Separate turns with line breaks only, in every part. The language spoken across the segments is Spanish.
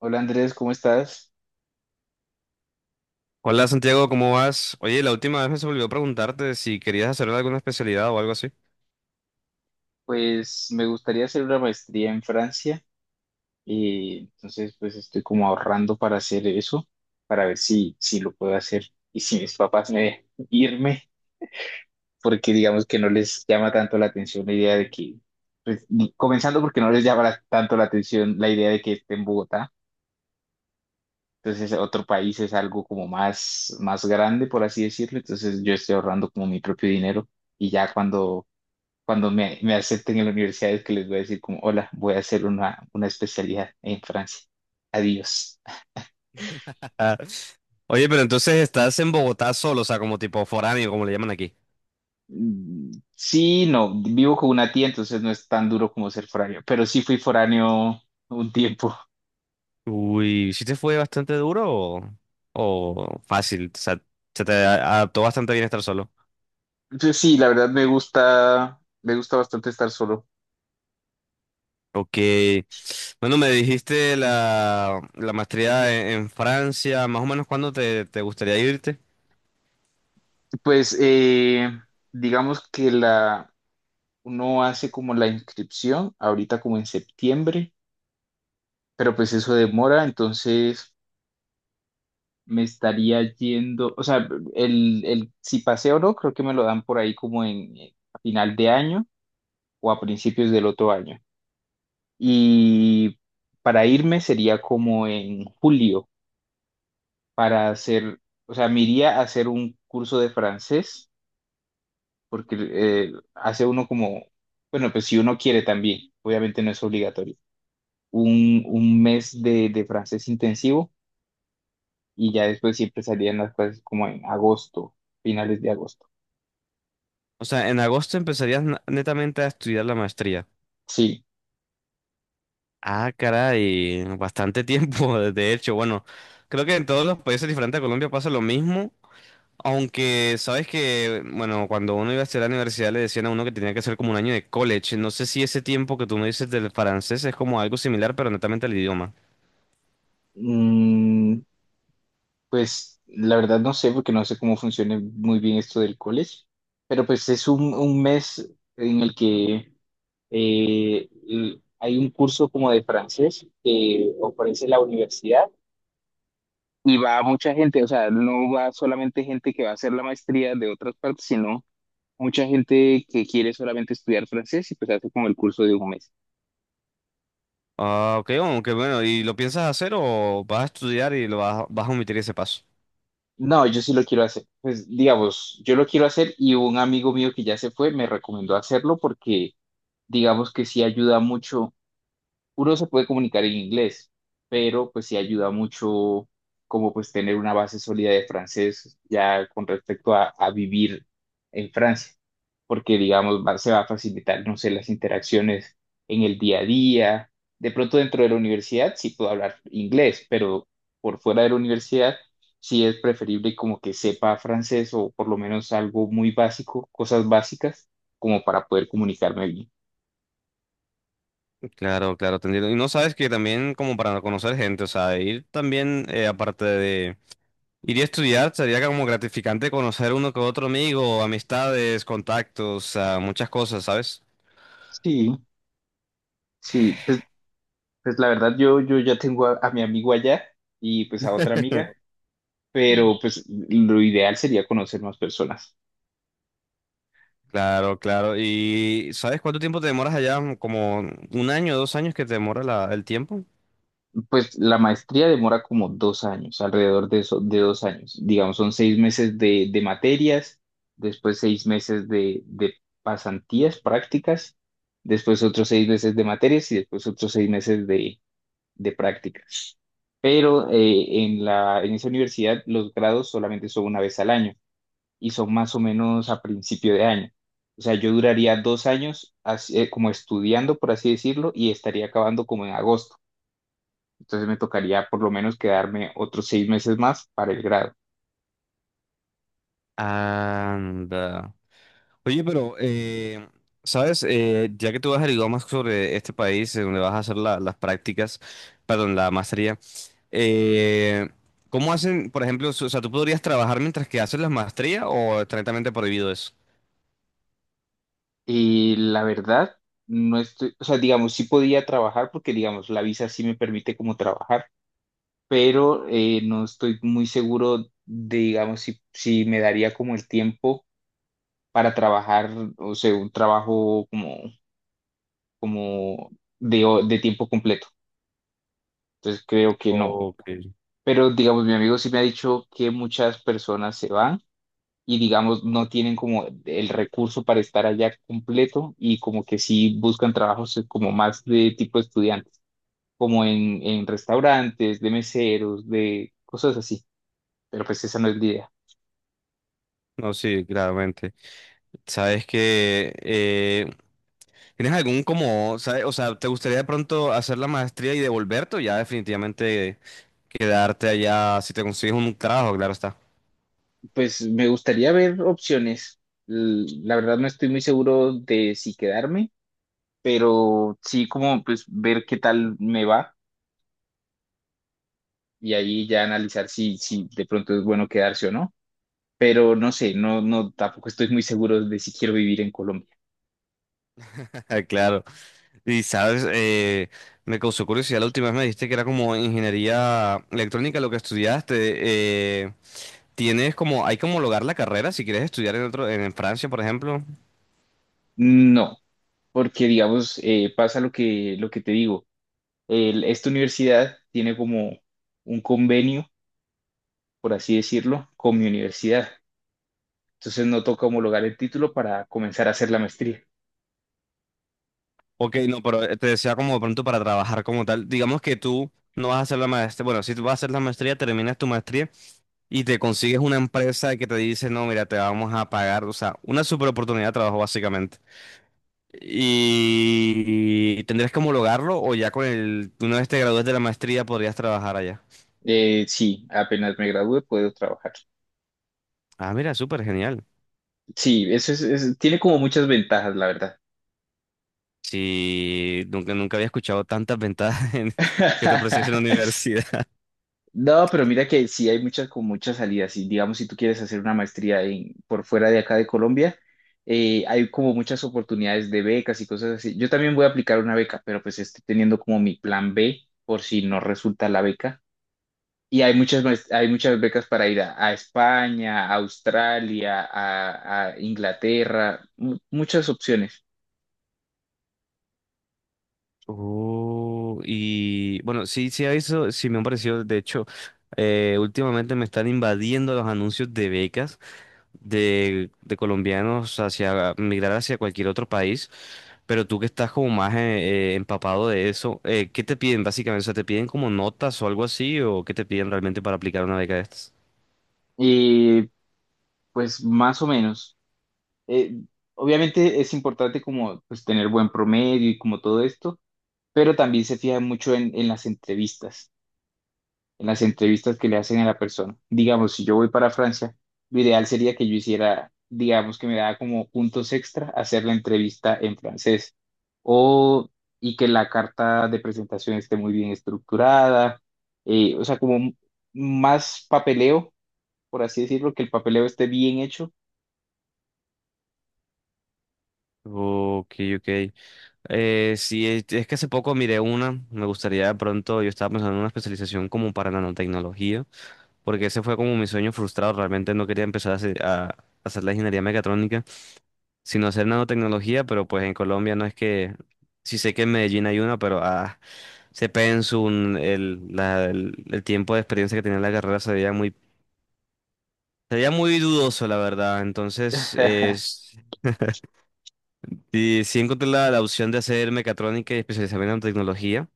Hola Andrés, ¿cómo estás?
Hola Santiago, ¿cómo vas? Oye, la última vez me se me olvidó preguntarte si querías hacer alguna especialidad o algo así.
Pues me gustaría hacer una maestría en Francia y entonces pues estoy como ahorrando para hacer eso, para ver si lo puedo hacer y si mis papás me dejan irme, porque digamos que no les llama tanto la atención la idea de que, pues comenzando porque no les llama tanto la atención la idea de que esté en Bogotá, entonces otro país es algo como más grande, por así decirlo, entonces yo estoy ahorrando como mi propio dinero y ya cuando me acepten en la universidad es que les voy a decir como, hola, voy a hacer una especialidad en Francia. Adiós.
Oye, pero entonces estás en Bogotá solo, o sea, como tipo foráneo, como le llaman aquí.
Mm, sí, no, vivo con una tía, entonces no es tan duro como ser foráneo, pero sí fui foráneo un tiempo.
Uy, ¿sí te fue bastante duro o fácil? O sea, se te a- adaptó bastante bien estar solo.
Entonces, sí, la verdad me gusta bastante estar solo.
Ok. Bueno, me dijiste la maestría en Francia, más o menos cuándo te gustaría irte.
Pues digamos que uno hace como la inscripción ahorita como en septiembre, pero pues eso demora, entonces me estaría yendo, o sea, el si paseo o no, creo que me lo dan por ahí como en a final de año o a principios del otro año. Y para irme sería como en julio para hacer, o sea, me iría a hacer un curso de francés porque hace uno como, bueno, pues si uno quiere también, obviamente no es obligatorio, un mes de francés intensivo y ya después siempre salían las clases como en agosto, finales de agosto.
O sea, en agosto netamente a estudiar la maestría.
Sí.
Ah, caray, bastante tiempo, de hecho. Bueno, creo que en todos los países diferentes a Colombia pasa lo mismo, aunque sabes que, bueno, cuando uno iba a hacer la universidad le decían a uno que tenía que hacer como un año de college. No sé si ese tiempo que tú me dices del francés es como algo similar, pero netamente al idioma.
Mm, pues la verdad no sé, porque no sé cómo funciona muy bien esto del college, pero pues es un mes en el que hay un curso como de francés que ofrece la universidad y va mucha gente, o sea, no va solamente gente que va a hacer la maestría de otras partes, sino mucha gente que quiere solamente estudiar francés y pues hace como el curso de un mes.
Ah, ok, aunque bueno, ¿y lo piensas hacer o vas a estudiar y vas a omitir ese paso?
No, yo sí lo quiero hacer. Pues digamos, yo lo quiero hacer y un amigo mío que ya se fue me recomendó hacerlo porque digamos que sí ayuda mucho, uno se puede comunicar en inglés, pero pues sí ayuda mucho como pues tener una base sólida de francés ya con respecto a vivir en Francia, porque digamos se va a facilitar, no sé, las interacciones en el día a día. De pronto dentro de la universidad sí puedo hablar inglés, pero por fuera de la universidad sí es preferible como que sepa francés o por lo menos algo muy básico, cosas básicas, como para poder comunicarme bien.
Claro, claro, entendido. Y no sabes que también como para conocer gente, o sea, ir también aparte de... Iría a estudiar, sería como gratificante conocer uno que otro amigo, amistades, contactos, ah, muchas cosas, ¿sabes?
Sí. Sí, pues, pues la verdad yo ya tengo a mi amigo allá y pues a otra amiga, pero pues lo ideal sería conocer más personas.
Claro, claro. ¿Y sabes cuánto tiempo te demoras allá? ¿Como un año, dos años que te demora el tiempo?
Pues la maestría demora como 2 años, alrededor de, eso, de 2 años. Digamos, son 6 meses de materias, después 6 meses de pasantías, prácticas, después otros 6 meses de materias y después otros 6 meses de prácticas. Pero en en esa universidad los grados solamente son una vez al año. Y son más o menos a principio de año. O sea, yo duraría 2 años así, como estudiando, por así decirlo, y estaría acabando como en agosto. Entonces me tocaría por lo menos quedarme otros 6 meses más para el grado.
Anda. Oye, pero, ¿sabes? Ya que tú has averiguado más sobre este país, en donde vas a hacer las prácticas, perdón, la maestría, eh, ¿cómo hacen, por ejemplo, o sea, tú podrías trabajar mientras que haces la maestría o es estrictamente prohibido eso?
Y la verdad, no estoy, o sea, digamos, sí podía trabajar porque, digamos, la visa sí me permite como trabajar, pero no estoy muy seguro de, digamos, si me daría como el tiempo para trabajar, o sea, un trabajo como de tiempo completo. Entonces creo que no.
Ok.
Pero digamos, mi amigo sí me ha dicho que muchas personas se van y digamos no tienen como el recurso para estar allá completo y como que sí buscan trabajos como más de tipo estudiantes, como en restaurantes, de meseros, de cosas así. Pero pues esa no es la idea.
No, sí, claramente. Sabes que tienes algún como, ¿sabes? O sea, ¿te gustaría de pronto hacer la maestría y devolverte o ya definitivamente quedarte allá si te consigues un trabajo? Claro está.
Pues me gustaría ver opciones. La verdad no estoy muy seguro de si quedarme, pero sí como pues ver qué tal me va. Y ahí ya analizar si de pronto es bueno quedarse o no. Pero no sé, no, no, tampoco estoy muy seguro de si quiero vivir en Colombia.
Claro. Y sabes, me causó curiosidad la última vez me dijiste que era como ingeniería electrónica lo que estudiaste. ¿Tienes como, hay que homologar la carrera si quieres estudiar en otro, en Francia, por ejemplo?
No, porque digamos, pasa lo que te digo. Esta universidad tiene como un convenio, por así decirlo, con mi universidad. Entonces no toca homologar el título para comenzar a hacer la maestría.
Ok, no, pero te decía como de pronto para trabajar como tal. Digamos que tú no vas a hacer la maestría. Bueno, si tú vas a hacer la maestría, terminas tu maestría y te consigues una empresa que te dice, no, mira, te vamos a pagar. O sea, una super oportunidad de trabajo básicamente. Y tendrías que homologarlo o ya con el, una vez te gradúes de la maestría podrías trabajar allá.
Sí, apenas me gradúe puedo trabajar.
Ah, mira, súper genial.
Sí, eso es, tiene como muchas ventajas, la verdad.
Sí, nunca, nunca había escuchado tantas ventajas que te ofreciese la universidad.
No, pero mira que sí hay muchas con muchas salidas. Y digamos, si tú quieres hacer una maestría en, por fuera de acá de Colombia, hay como muchas oportunidades de becas y cosas así. Yo también voy a aplicar una beca, pero pues estoy teniendo como mi plan B por si no resulta la beca. Y hay muchas becas para ir a España, a Australia, a Inglaterra, muchas opciones.
Y bueno, sí, sí, eso sí me han parecido. De hecho, últimamente me están invadiendo los anuncios de becas de colombianos hacia migrar hacia cualquier otro país. Pero tú que estás como más empapado de eso, ¿qué te piden básicamente? O sea, ¿te piden como notas o algo así? ¿O qué te piden realmente para aplicar una beca de estas?
Y pues más o menos. Eh, obviamente es importante como pues tener buen promedio y como todo esto pero también se fija mucho en las entrevistas, en las entrevistas que le hacen a la persona. Digamos, si yo voy para Francia, lo ideal sería que yo hiciera, digamos, que me da como puntos extra hacer la entrevista en francés o y que la carta de presentación esté muy bien estructurada, o sea, como más papeleo, por así decirlo, que el papeleo esté bien hecho.
Ok, ok. Sí, es que hace poco miré una, me gustaría de pronto, yo estaba pensando en una especialización como para nanotecnología. Porque ese fue como mi sueño frustrado. Realmente no quería empezar a hacer la ingeniería mecatrónica, sino hacer nanotecnología, pero pues en Colombia no es que, sí sé que en Medellín hay una, pero ah, se Pensun, el tiempo de experiencia que tenía en la carrera se veía muy dudoso, la verdad. Entonces, es, sí, sí encontré la opción de hacer mecatrónica y especializarme en nanotecnología.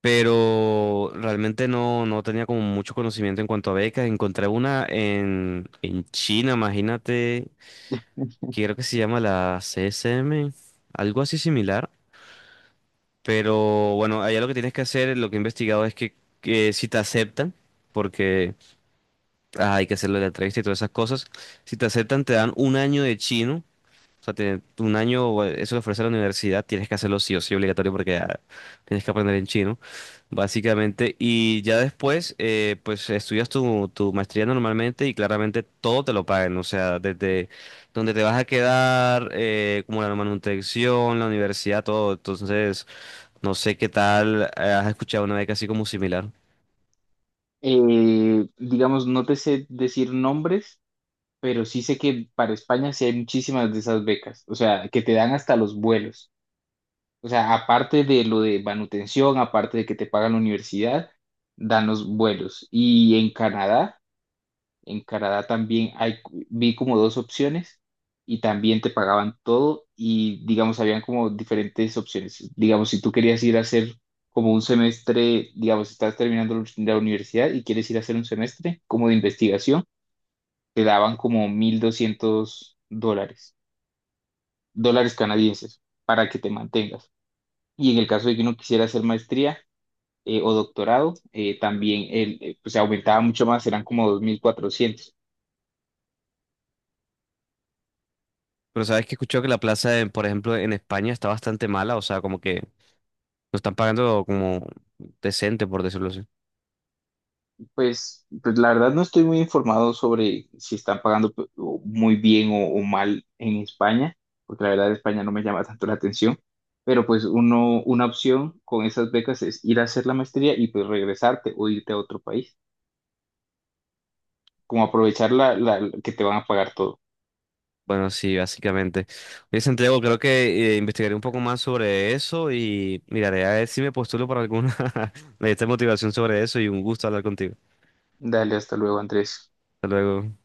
Pero realmente no tenía como mucho conocimiento en cuanto a becas. Encontré una en China, imagínate, que creo que se llama la CSM, algo así similar. Pero bueno, allá lo que tienes que hacer, lo que he investigado es que si te aceptan, porque ah, hay que hacerlo de la entrevista y todas esas cosas, si te aceptan te dan un año de chino, o sea, un año, o eso lo ofrece la universidad, tienes que hacerlo sí o sí obligatorio porque ah, tienes que aprender en chino, básicamente. Y ya después, pues estudias tu maestría normalmente y claramente todo te lo pagan. O sea, desde donde te vas a quedar, como la manutención, la universidad, todo. Entonces, no sé qué tal, has escuchado una beca así como similar.
Digamos, no te sé decir nombres pero sí sé que para España sí hay muchísimas de esas becas, o sea, que te dan hasta los vuelos. O sea, aparte de lo de manutención, aparte de que te pagan la universidad, dan los vuelos. Y en Canadá también hay, vi como dos opciones y también te pagaban todo y digamos, habían como diferentes opciones. Digamos, si tú querías ir a hacer como un semestre, digamos, estás terminando la universidad y quieres ir a hacer un semestre como de investigación te daban como 1.200 dólares, dólares canadienses, para que te mantengas. Y en el caso de que uno quisiera hacer maestría o doctorado, también el, pues, se aumentaba mucho más, eran como 2.400.
Pero sabes que he escuchado que la plaza, por ejemplo, en España está bastante mala. O sea, como que no están pagando como decente, por decirlo así.
Pues, pues la verdad no estoy muy informado sobre si están pagando o muy bien o mal en España, porque la verdad España no me llama tanto la atención. Pero pues uno, una opción con esas becas es ir a hacer la maestría y pues regresarte o irte a otro país. Como aprovechar que te van a pagar todo.
Bueno, sí, básicamente. Oye, Santiago, creo que investigaré un poco más sobre eso y miraré a ver si me postulo para alguna esta motivación sobre eso y un gusto hablar contigo.
Dale, hasta luego, Andrés.
Hasta luego.